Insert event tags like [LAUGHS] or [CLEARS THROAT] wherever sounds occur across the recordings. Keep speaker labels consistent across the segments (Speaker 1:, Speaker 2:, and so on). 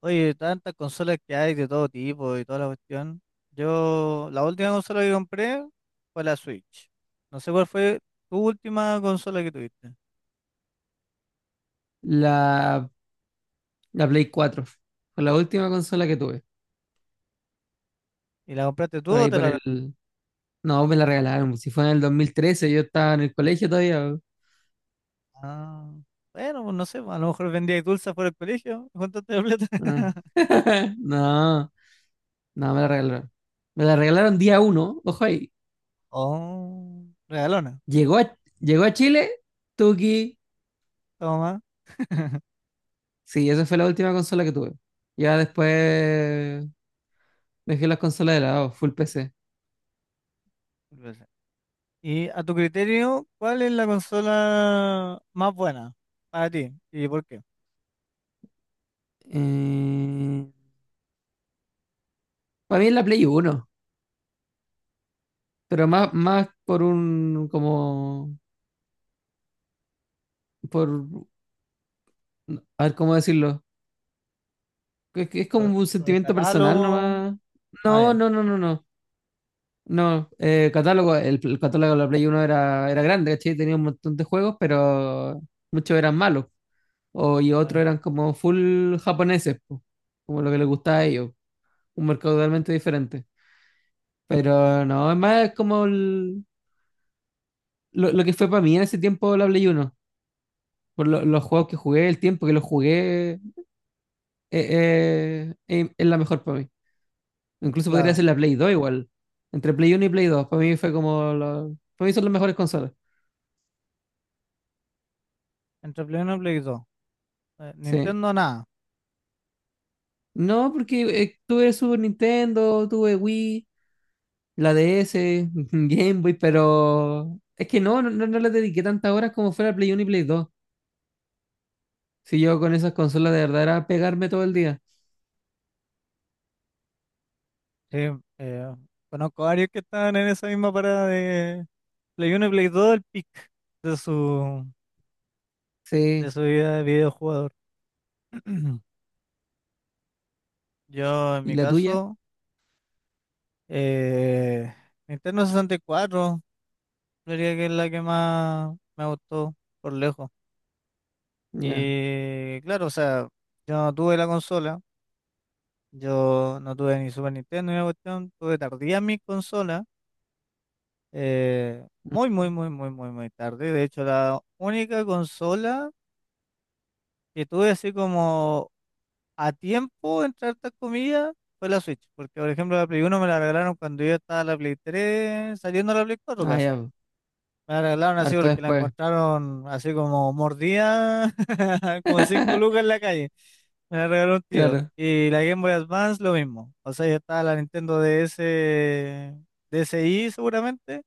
Speaker 1: Oye, tantas consolas que hay de todo tipo y toda la cuestión. Yo, la última consola que compré fue la Switch. No sé cuál fue tu última consola que tuviste.
Speaker 2: La, la Play 4 fue la última consola que tuve.
Speaker 1: ¿Y la compraste tú
Speaker 2: Por
Speaker 1: o
Speaker 2: ahí,
Speaker 1: te
Speaker 2: por
Speaker 1: la regalaron?
Speaker 2: el. No, me la regalaron. Si fue en el 2013, yo estaba en el colegio todavía.
Speaker 1: Ah, bueno, pues no sé, a lo mejor vendías dulces por el colegio y juntaste la plata.
Speaker 2: Ah.
Speaker 1: [LAUGHS]
Speaker 2: [LAUGHS] No, no, me la regalaron. Me la regalaron día uno. Ojo ahí.
Speaker 1: Oh, regalona.
Speaker 2: Llegó a Chile, Tuki.
Speaker 1: Toma. [LAUGHS]
Speaker 2: Sí, esa fue la última consola que tuve. Ya después dejé las consolas de lado, full PC.
Speaker 1: Pues, y a tu criterio, ¿cuál es la consola más buena para ti? ¿Y por qué?
Speaker 2: Eh, para mí es la Play 1, pero más como, por, a ver cómo decirlo. Es que es como
Speaker 1: ¿Por,
Speaker 2: un
Speaker 1: por el
Speaker 2: sentimiento personal
Speaker 1: catálogo?
Speaker 2: nomás.
Speaker 1: Ah,
Speaker 2: No,
Speaker 1: ya,
Speaker 2: no, no, no, no. No, catálogo, el catálogo de la Play 1 era grande, ¿cachai? Tenía un montón de juegos, pero muchos eran malos. Y otros
Speaker 1: claro.
Speaker 2: eran como full japoneses, po, como lo que les gustaba a ellos. Un mercado totalmente diferente. Pero no, es más, es como lo que fue para mí en ese tiempo la Play 1. Por los juegos que jugué, el tiempo que los jugué, es la mejor para mí. Incluso podría
Speaker 1: Claro.
Speaker 2: ser la Play 2 igual. Entre Play 1 y Play 2, para mí fue como la- para mí son las mejores consolas.
Speaker 1: Entre Play 1 y Play 2.
Speaker 2: Sí.
Speaker 1: Nintendo nada.
Speaker 2: No, porque tuve Super Nintendo, tuve Wii, la DS, [LAUGHS] Game Boy, pero es que no le dediqué tantas horas como fuera Play 1 y Play 2. Si yo con esas consolas de verdad era pegarme todo el día.
Speaker 1: Sí, eh, conozco varios que estaban en esa misma parada de Play 1 y Play 2 del pic de su, de
Speaker 2: Sí.
Speaker 1: su vida de videojugador. [CLEARS THROAT] Yo en
Speaker 2: ¿Y
Speaker 1: mi
Speaker 2: la tuya?
Speaker 1: caso, eh, Nintendo 64, diría que es la que más me gustó por lejos.
Speaker 2: Ya.
Speaker 1: Y claro, o sea, yo no tuve la consola, yo no tuve ni Super Nintendo ni la cuestión, tuve tardía mi consola muy,
Speaker 2: Mm.
Speaker 1: muy, muy, muy, muy, muy tarde. De hecho, la única consola que tuve así como a tiempo, entre hartas comillas, fue la Switch. Porque, por ejemplo, la Play uno me la regalaron cuando yo estaba en la Play tres saliendo a la Play cuatro
Speaker 2: Ah,
Speaker 1: casi.
Speaker 2: ya.
Speaker 1: Me la regalaron así
Speaker 2: Harto
Speaker 1: porque la
Speaker 2: después.
Speaker 1: encontraron así como mordida, [LAUGHS] como cinco
Speaker 2: [LAUGHS]
Speaker 1: lucas en la calle. Me la regaló un tío.
Speaker 2: Claro.
Speaker 1: Y la Game Boy Advance, lo mismo. O sea, ya estaba la Nintendo DS, DSi seguramente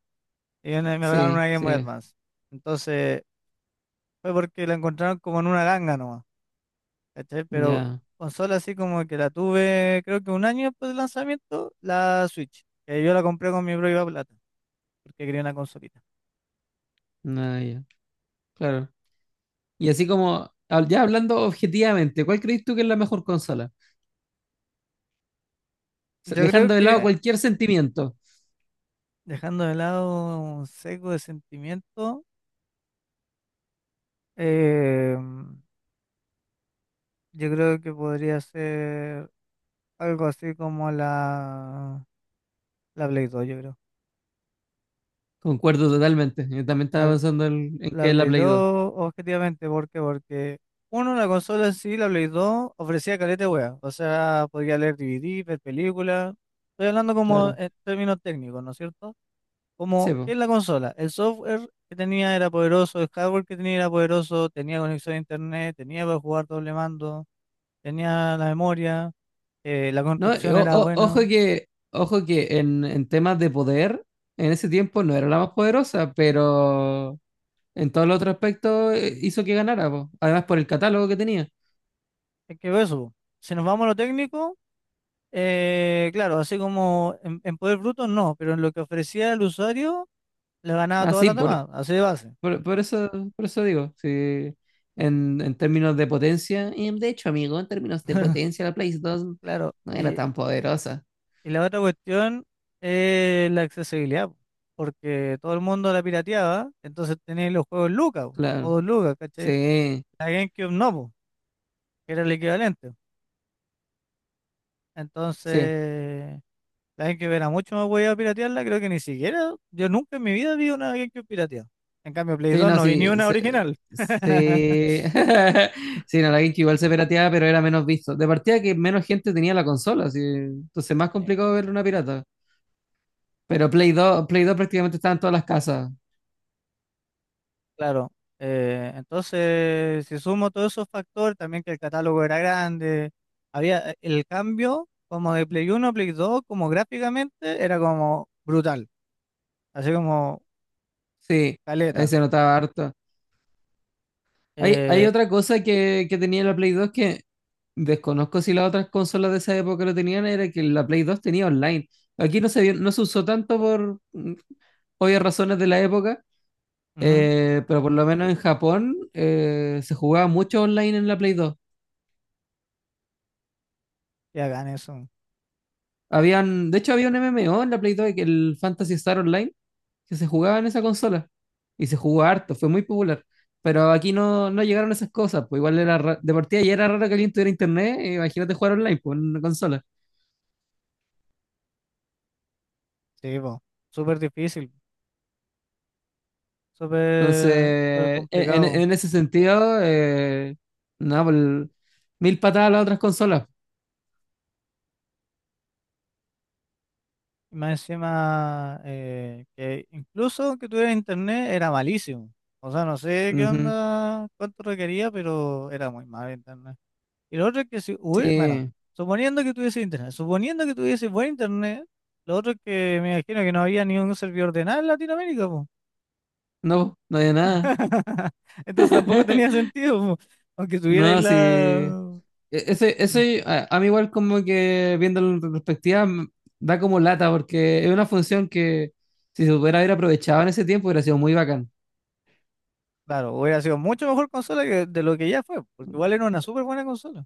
Speaker 1: y me regalaron
Speaker 2: Sí,
Speaker 1: una Game Boy
Speaker 2: sí.
Speaker 1: Advance. Entonces, fue porque la encontraron como en una ganga nomás, ¿cachai? Pero
Speaker 2: Ya.
Speaker 1: consola así como que la tuve, creo que un año después del lanzamiento, la Switch, que yo la compré con mi propia plata, porque quería una consolita.
Speaker 2: Nada, ya. Claro. Y así como ya hablando objetivamente, ¿cuál crees tú que es la mejor consola? O sea,
Speaker 1: Yo creo
Speaker 2: dejando de lado
Speaker 1: que,
Speaker 2: cualquier sentimiento.
Speaker 1: dejando de lado un seco de sentimiento, eh, yo creo que podría ser algo así como la Play 2, yo creo.
Speaker 2: Concuerdo totalmente. Yo también estaba
Speaker 1: La,
Speaker 2: pensando en que
Speaker 1: La
Speaker 2: es la
Speaker 1: Play
Speaker 2: Play 2.
Speaker 1: 2, objetivamente, ¿por qué? Porque, uno, la consola en sí, la Play 2, ofrecía caleta de wea. O sea, podía leer DVD, ver películas. Estoy hablando como
Speaker 2: Claro.
Speaker 1: en términos técnicos, ¿no es cierto? Como,
Speaker 2: Sí,
Speaker 1: ¿qué
Speaker 2: po.
Speaker 1: es la consola? El software que tenía era poderoso, el hardware que tenía era poderoso, tenía conexión a internet, tenía para jugar doble mando, tenía la memoria, la
Speaker 2: No,
Speaker 1: construcción
Speaker 2: o-
Speaker 1: era
Speaker 2: o- ojo
Speaker 1: buena.
Speaker 2: que, en temas de poder, en ese tiempo no era la más poderosa, pero en todos los otros aspectos hizo que ganara, po. Además por el catálogo que tenía.
Speaker 1: Es que eso, si nos vamos a lo técnico, claro, así como en poder bruto no, pero en lo que ofrecía el usuario le ganaba a
Speaker 2: Ah,
Speaker 1: todas
Speaker 2: sí,
Speaker 1: las demás, así de base,
Speaker 2: Por, por eso, por eso digo, sí, en términos de potencia, y de hecho, amigo, en términos de potencia, la Play 2
Speaker 1: claro.
Speaker 2: no era
Speaker 1: Y,
Speaker 2: tan poderosa.
Speaker 1: y la otra cuestión es la accesibilidad, po, porque todo el mundo la pirateaba, entonces tenéis los juegos Lucas, po, o
Speaker 2: Claro,
Speaker 1: dos Lucas, ¿cachai?
Speaker 2: sí,
Speaker 1: La GameCube no, po, que era el equivalente.
Speaker 2: sí,
Speaker 1: Entonces, la GameCube era mucho más a piratearla, creo que ni siquiera, yo nunca en mi vida vi una GameCube pirateada. En cambio, Play
Speaker 2: sí,
Speaker 1: 2
Speaker 2: no,
Speaker 1: no vi ni
Speaker 2: sí,
Speaker 1: una
Speaker 2: sí,
Speaker 1: original. [LAUGHS]
Speaker 2: sí, [LAUGHS] sí, no, la GameCube igual se pirateaba, pero era menos visto. De partida que menos gente tenía la consola, así, entonces más complicado ver una pirata. Pero Play dos prácticamente estaba en todas las casas,
Speaker 1: Claro, entonces si sumo todos esos factores, también que el catálogo era grande, había el cambio como de Play uno, a Play 2, como gráficamente, era como brutal, así como
Speaker 2: sí, ahí
Speaker 1: caleta.
Speaker 2: se notaba harto. Hay
Speaker 1: Eh,
Speaker 2: otra cosa que tenía la Play 2, que desconozco si las otras consolas de esa época lo tenían, era que la Play 2 tenía online. Aquí no se usó tanto por obvias razones de la época,
Speaker 1: ujú,
Speaker 2: pero por lo menos en Japón, se jugaba mucho online en la Play 2.
Speaker 1: y hagan eso,
Speaker 2: Habían, de hecho, había un MMO en la Play 2, que el Fantasy Star Online, que se jugaba en esa consola. Y se jugó harto, fue muy popular. Pero aquí no llegaron esas cosas, pues igual de partida ya era raro que alguien tuviera internet, imagínate jugar online, pues, en una consola.
Speaker 1: sí, po, súper difícil, súper súper
Speaker 2: Entonces, en,
Speaker 1: complicado.
Speaker 2: en ese sentido, no, pues, mil patadas a las otras consolas.
Speaker 1: Y más encima, que incluso que tuviera internet era malísimo. O sea, no sé qué
Speaker 2: Ujú.
Speaker 1: onda, cuánto requería, pero era muy mal. Y lo otro es que si hubiera, bueno,
Speaker 2: Sí,
Speaker 1: suponiendo que tuviese internet, suponiendo que tuviese buen internet, lo otro es que me imagino que no había ni un servidor de nada en Latinoamérica, po.
Speaker 2: no, no hay nada.
Speaker 1: [LAUGHS] Entonces tampoco tenía
Speaker 2: [LAUGHS]
Speaker 1: sentido, po. Aunque tuviera ahí
Speaker 2: No, sí. E-
Speaker 1: la...
Speaker 2: Ese,
Speaker 1: Mm.
Speaker 2: ese, a mí, igual como que viéndolo en retrospectiva, da como lata, porque es una función que si se hubiera haber aprovechado en ese tiempo hubiera sido muy bacán.
Speaker 1: Claro, hubiera sido mucho mejor consola que de lo que ya fue, porque igual era una súper buena consola.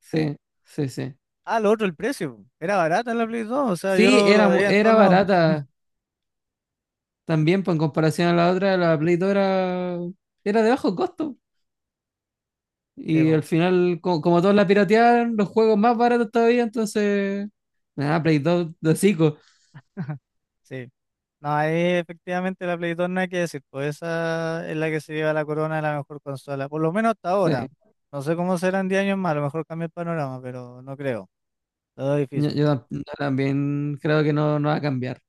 Speaker 2: Sí, sí, sí.
Speaker 1: Ah, lo otro, el precio, po. Era barata la Play 2, o sea,
Speaker 2: Sí,
Speaker 1: yo la
Speaker 2: era, mu-
Speaker 1: veía en todos
Speaker 2: era
Speaker 1: lados.
Speaker 2: barata
Speaker 1: [LAUGHS]
Speaker 2: también, pues en comparación a la otra, la Play 2 era de bajo costo.
Speaker 1: Sí,
Speaker 2: Y
Speaker 1: po.
Speaker 2: al final, como, todos la piratearon, los juegos más baratos todavía, entonces. Nada, Play 2 de hocico.
Speaker 1: Sí. No, ahí efectivamente la Play 2 no hay que decir, pues esa es la que se lleva la corona de la mejor consola, por lo menos hasta
Speaker 2: Sí,
Speaker 1: ahora. No sé cómo serán 10 años más, a lo mejor cambia el panorama, pero no creo, lo veo
Speaker 2: yo,
Speaker 1: difícil.
Speaker 2: yo tam- yo también creo que no va a cambiar.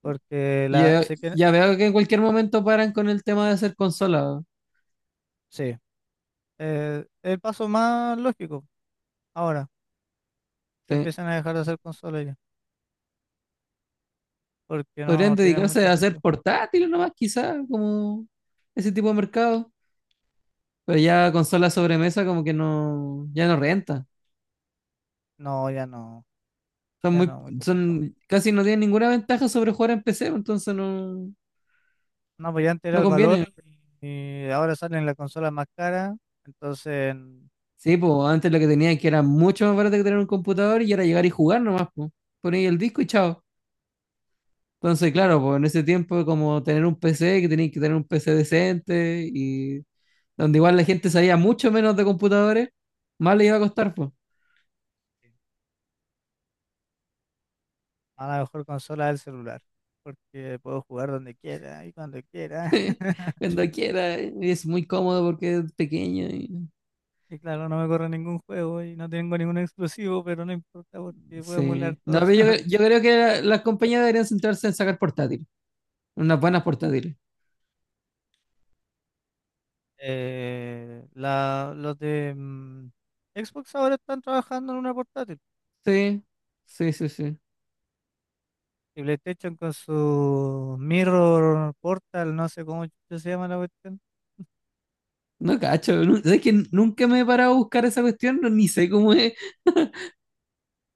Speaker 1: Porque
Speaker 2: Y
Speaker 1: la,
Speaker 2: yo,
Speaker 1: sé que,
Speaker 2: ya veo que en cualquier momento paran con el tema de hacer consolas.
Speaker 1: sí, el paso más lógico ahora, que
Speaker 2: Sí.
Speaker 1: empiezan a dejar de hacer consolas ya, porque no
Speaker 2: Podrían
Speaker 1: tienen
Speaker 2: dedicarse
Speaker 1: mucho
Speaker 2: a hacer
Speaker 1: sentido.
Speaker 2: portátiles nomás, quizás, como ese tipo de mercado. Pero ya consolas sobremesa, como que no, ya no renta.
Speaker 1: No, ya no,
Speaker 2: Son
Speaker 1: ya
Speaker 2: muy,
Speaker 1: no, muy complicado.
Speaker 2: son, casi no tienen ninguna ventaja sobre jugar en PC, entonces no,
Speaker 1: No, pues ya antes era
Speaker 2: no
Speaker 1: el valor
Speaker 2: conviene.
Speaker 1: y, ahora salen las consolas más caras, entonces...
Speaker 2: Sí, pues antes lo que tenían, que era mucho más barato que tener un computador, y era llegar y jugar nomás, pues. Ponéis el disco y chao. Entonces, claro, pues en ese tiempo, como tener un PC, que tenías que tener un PC decente, y donde igual la gente sabía mucho menos de computadores, más le iba a costar, pues.
Speaker 1: A la mejor consola del celular, porque puedo jugar donde quiera y cuando quiera.
Speaker 2: [LAUGHS]
Speaker 1: [LAUGHS]
Speaker 2: Cuando quiera, y es muy cómodo porque es pequeño y
Speaker 1: Y claro, no me corre ningún juego y no tengo ningún exclusivo, pero no importa porque puedo emular
Speaker 2: sí. No,
Speaker 1: todo.
Speaker 2: pero yo,
Speaker 1: [LAUGHS]
Speaker 2: yo creo que las compañías deberían centrarse en sacar portátiles, unas buenas portátiles.
Speaker 1: Los de Xbox ahora están trabajando en una portátil.
Speaker 2: Sí, sí, sí, sí.
Speaker 1: Y PlayStation con su Mirror Portal, no sé cómo chucha se llama la cuestión.
Speaker 2: No cacho, ¿sabes que nunca me he parado a buscar esa cuestión? No, ni sé cómo es.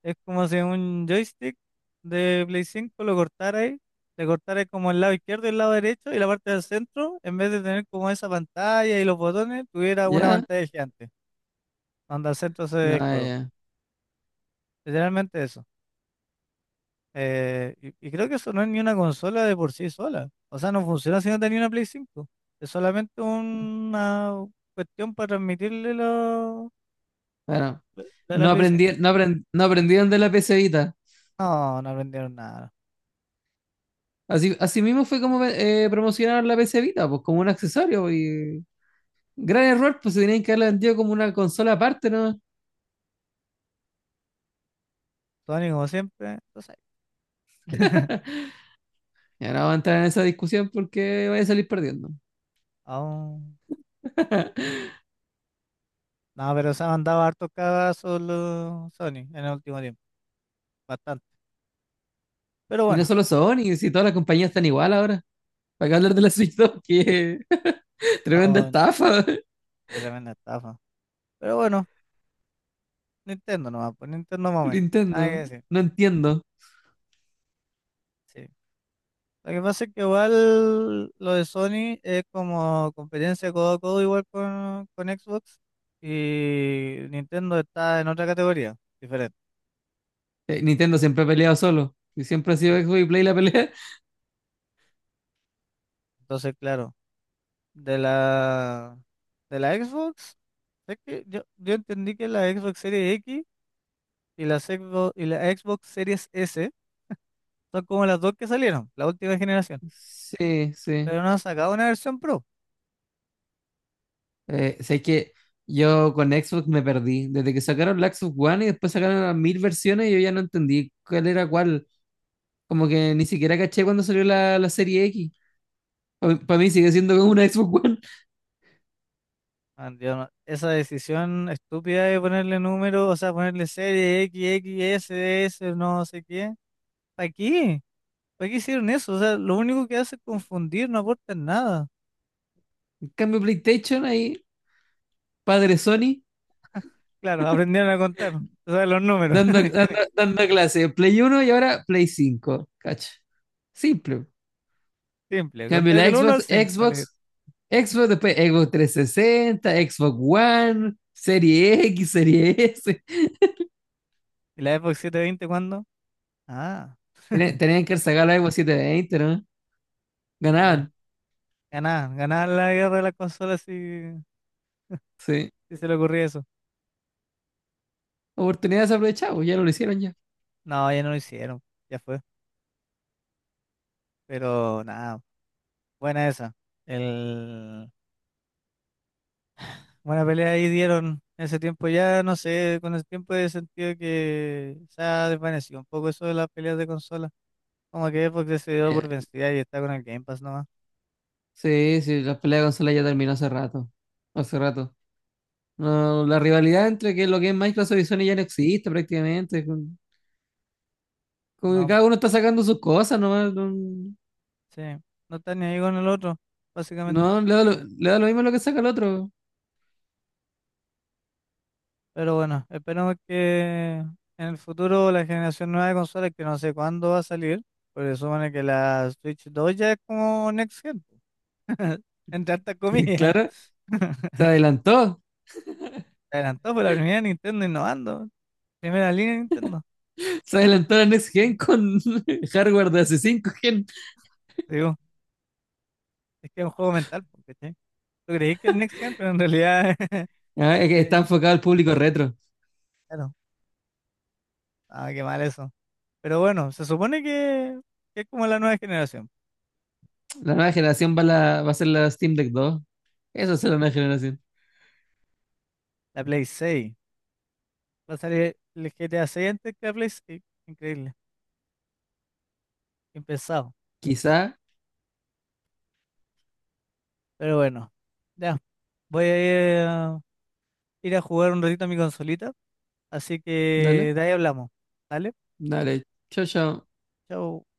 Speaker 1: Es como si un joystick de Play 5 lo cortara ahí, le cortara como el lado izquierdo y el lado derecho y la parte del centro, en vez de tener como esa pantalla y los botones, tuviera una
Speaker 2: ¿Ya?
Speaker 1: pantalla gigante, donde al centro se ve el
Speaker 2: Ah,
Speaker 1: juego.
Speaker 2: ya.
Speaker 1: Literalmente eso. Eh, y, creo que eso no es ni una consola de por sí sola. O sea, no funciona si no tenía una Play 5. Es solamente una cuestión para transmitirle lo,
Speaker 2: Bueno,
Speaker 1: la, la
Speaker 2: no
Speaker 1: Play 5.
Speaker 2: aprendí, no aprend- no aprendieron de la PC Vita.
Speaker 1: No, no aprendieron nada.
Speaker 2: Así mismo fue como promocionaron la PC Vita, pues, como un accesorio, pues, gran error, pues se tenían que haberla vendido como una consola aparte, ¿no?
Speaker 1: Sony como siempre, entonces, [LAUGHS]
Speaker 2: Y ahora vamos a entrar en esa discusión porque voy a salir perdiendo.
Speaker 1: aún...
Speaker 2: [LAUGHS]
Speaker 1: No, pero se han mandado hartos cagazos los Sony en el último tiempo, bastante. Pero
Speaker 2: Y no
Speaker 1: bueno,
Speaker 2: solo Sony, si todas las compañías están igual ahora. ¿Para qué hablar de la Switch 2? Que, [LAUGHS] tremenda
Speaker 1: no,
Speaker 2: estafa, [LAUGHS]
Speaker 1: qué tremenda estafa. Pero bueno, Nintendo nomás, pues Nintendo momento, nada que
Speaker 2: Nintendo.
Speaker 1: decir.
Speaker 2: No entiendo.
Speaker 1: Sí. Lo que pasa es que igual lo de Sony es como competencia codo a codo igual con Xbox y Nintendo está en otra categoría, diferente.
Speaker 2: Nintendo siempre ha peleado solo. Y siempre ha sido
Speaker 1: Sí.
Speaker 2: Xbox y Play la pelea.
Speaker 1: Entonces, claro, de la, de la Xbox, es que yo entendí que la Xbox Series X y y la Xbox Series S son como las dos que salieron, la última generación,
Speaker 2: [LAUGHS] Sí, sí.
Speaker 1: pero no han sacado una versión Pro.
Speaker 2: Sé que yo con Xbox me perdí. Desde que sacaron la Xbox One y después sacaron las mil versiones, yo ya no entendí cuál era cuál. Como que ni siquiera caché cuando salió la Serie X. Para mí sigue siendo como una Xbox One.
Speaker 1: Man, yo no- esa decisión estúpida de ponerle número, o sea, ponerle serie X, X, S, S, no sé qué. ¿Para qué? ¿Para qué hicieron eso? O sea, lo único que hace es confundir, no aportan nada.
Speaker 2: En cambio, PlayStation, ahí, padre Sony,
Speaker 1: Claro, [LAUGHS] aprendieron a contar, o sea, los números.
Speaker 2: dando,
Speaker 1: [LAUGHS]
Speaker 2: dando,
Speaker 1: Genial.
Speaker 2: dando clase. Play 1 y ahora Play 5. Cacho. Simple. En
Speaker 1: Simple,
Speaker 2: cambio,
Speaker 1: contáis
Speaker 2: la
Speaker 1: del uno al
Speaker 2: Xbox,
Speaker 1: cinco vale.
Speaker 2: Xbox Xbox, después Xbox 360, Xbox One, Serie X, [LAUGHS] Serie S.
Speaker 1: ¿Y la Xbox 720 cuándo? Ah,
Speaker 2: Tenían que sacar la Xbox 720, ¿no?
Speaker 1: tío.
Speaker 2: Ganaban,
Speaker 1: Ganar, ganar la guerra de las consolas y
Speaker 2: sí.
Speaker 1: si se le ocurría eso.
Speaker 2: Oportunidades aprovechadas, ya no lo hicieron ya.
Speaker 1: No, ya no lo hicieron. Ya fue. Pero nada, buena esa. El... Buena pelea ahí dieron. En ese tiempo ya, no sé, con el tiempo he sentido que se ha desvanecido un poco eso de las peleas de consola. Como que Xbox se dio
Speaker 2: Ya.
Speaker 1: por vencida y está con el Game Pass nomás.
Speaker 2: Sí, sí, la pelea de consola ya terminó hace rato. Hace rato. No, la rivalidad entre que lo que es Microsoft y Sony ya no existe prácticamente. Como que
Speaker 1: No,
Speaker 2: cada uno está sacando sus cosas, nomás, no,
Speaker 1: sí. No está ni ahí con el otro, básicamente.
Speaker 2: no, le da lo mismo lo que saca el otro.
Speaker 1: Pero bueno, esperemos que en el futuro la generación nueva de consolas, que no sé cuándo va a salir, porque supone que la Switch 2 ya es como Next Gen. [LAUGHS] Entre hartas
Speaker 2: [LAUGHS]
Speaker 1: comillas.
Speaker 2: Claro, se
Speaker 1: [LAUGHS]
Speaker 2: adelantó.
Speaker 1: Se adelantó por la primera Nintendo innovando. Primera línea de Nintendo.
Speaker 2: Se adelantó la Next Gen con [LAUGHS] hardware de hace 5 gen.
Speaker 1: Te digo, es que es un juego mental, porque tú creí que el Next Gen, pero en realidad. [LAUGHS]
Speaker 2: Ah, que está
Speaker 1: eh,
Speaker 2: enfocado al público retro.
Speaker 1: claro, ah, qué mal eso. Pero bueno, se supone que, es como la nueva generación.
Speaker 2: La nueva generación va a ser la Steam Deck 2. Eso será la nueva generación.
Speaker 1: La Play 6. Va a salir el G GTA 6 antes que la Play 6. Increíble. Impensado.
Speaker 2: Quizá.
Speaker 1: Pero bueno, ya. Voy a ir a jugar un ratito a mi consolita. Así que
Speaker 2: Dale.
Speaker 1: de ahí hablamos. ¿Vale?
Speaker 2: Dale. Chao, chao.
Speaker 1: Chao.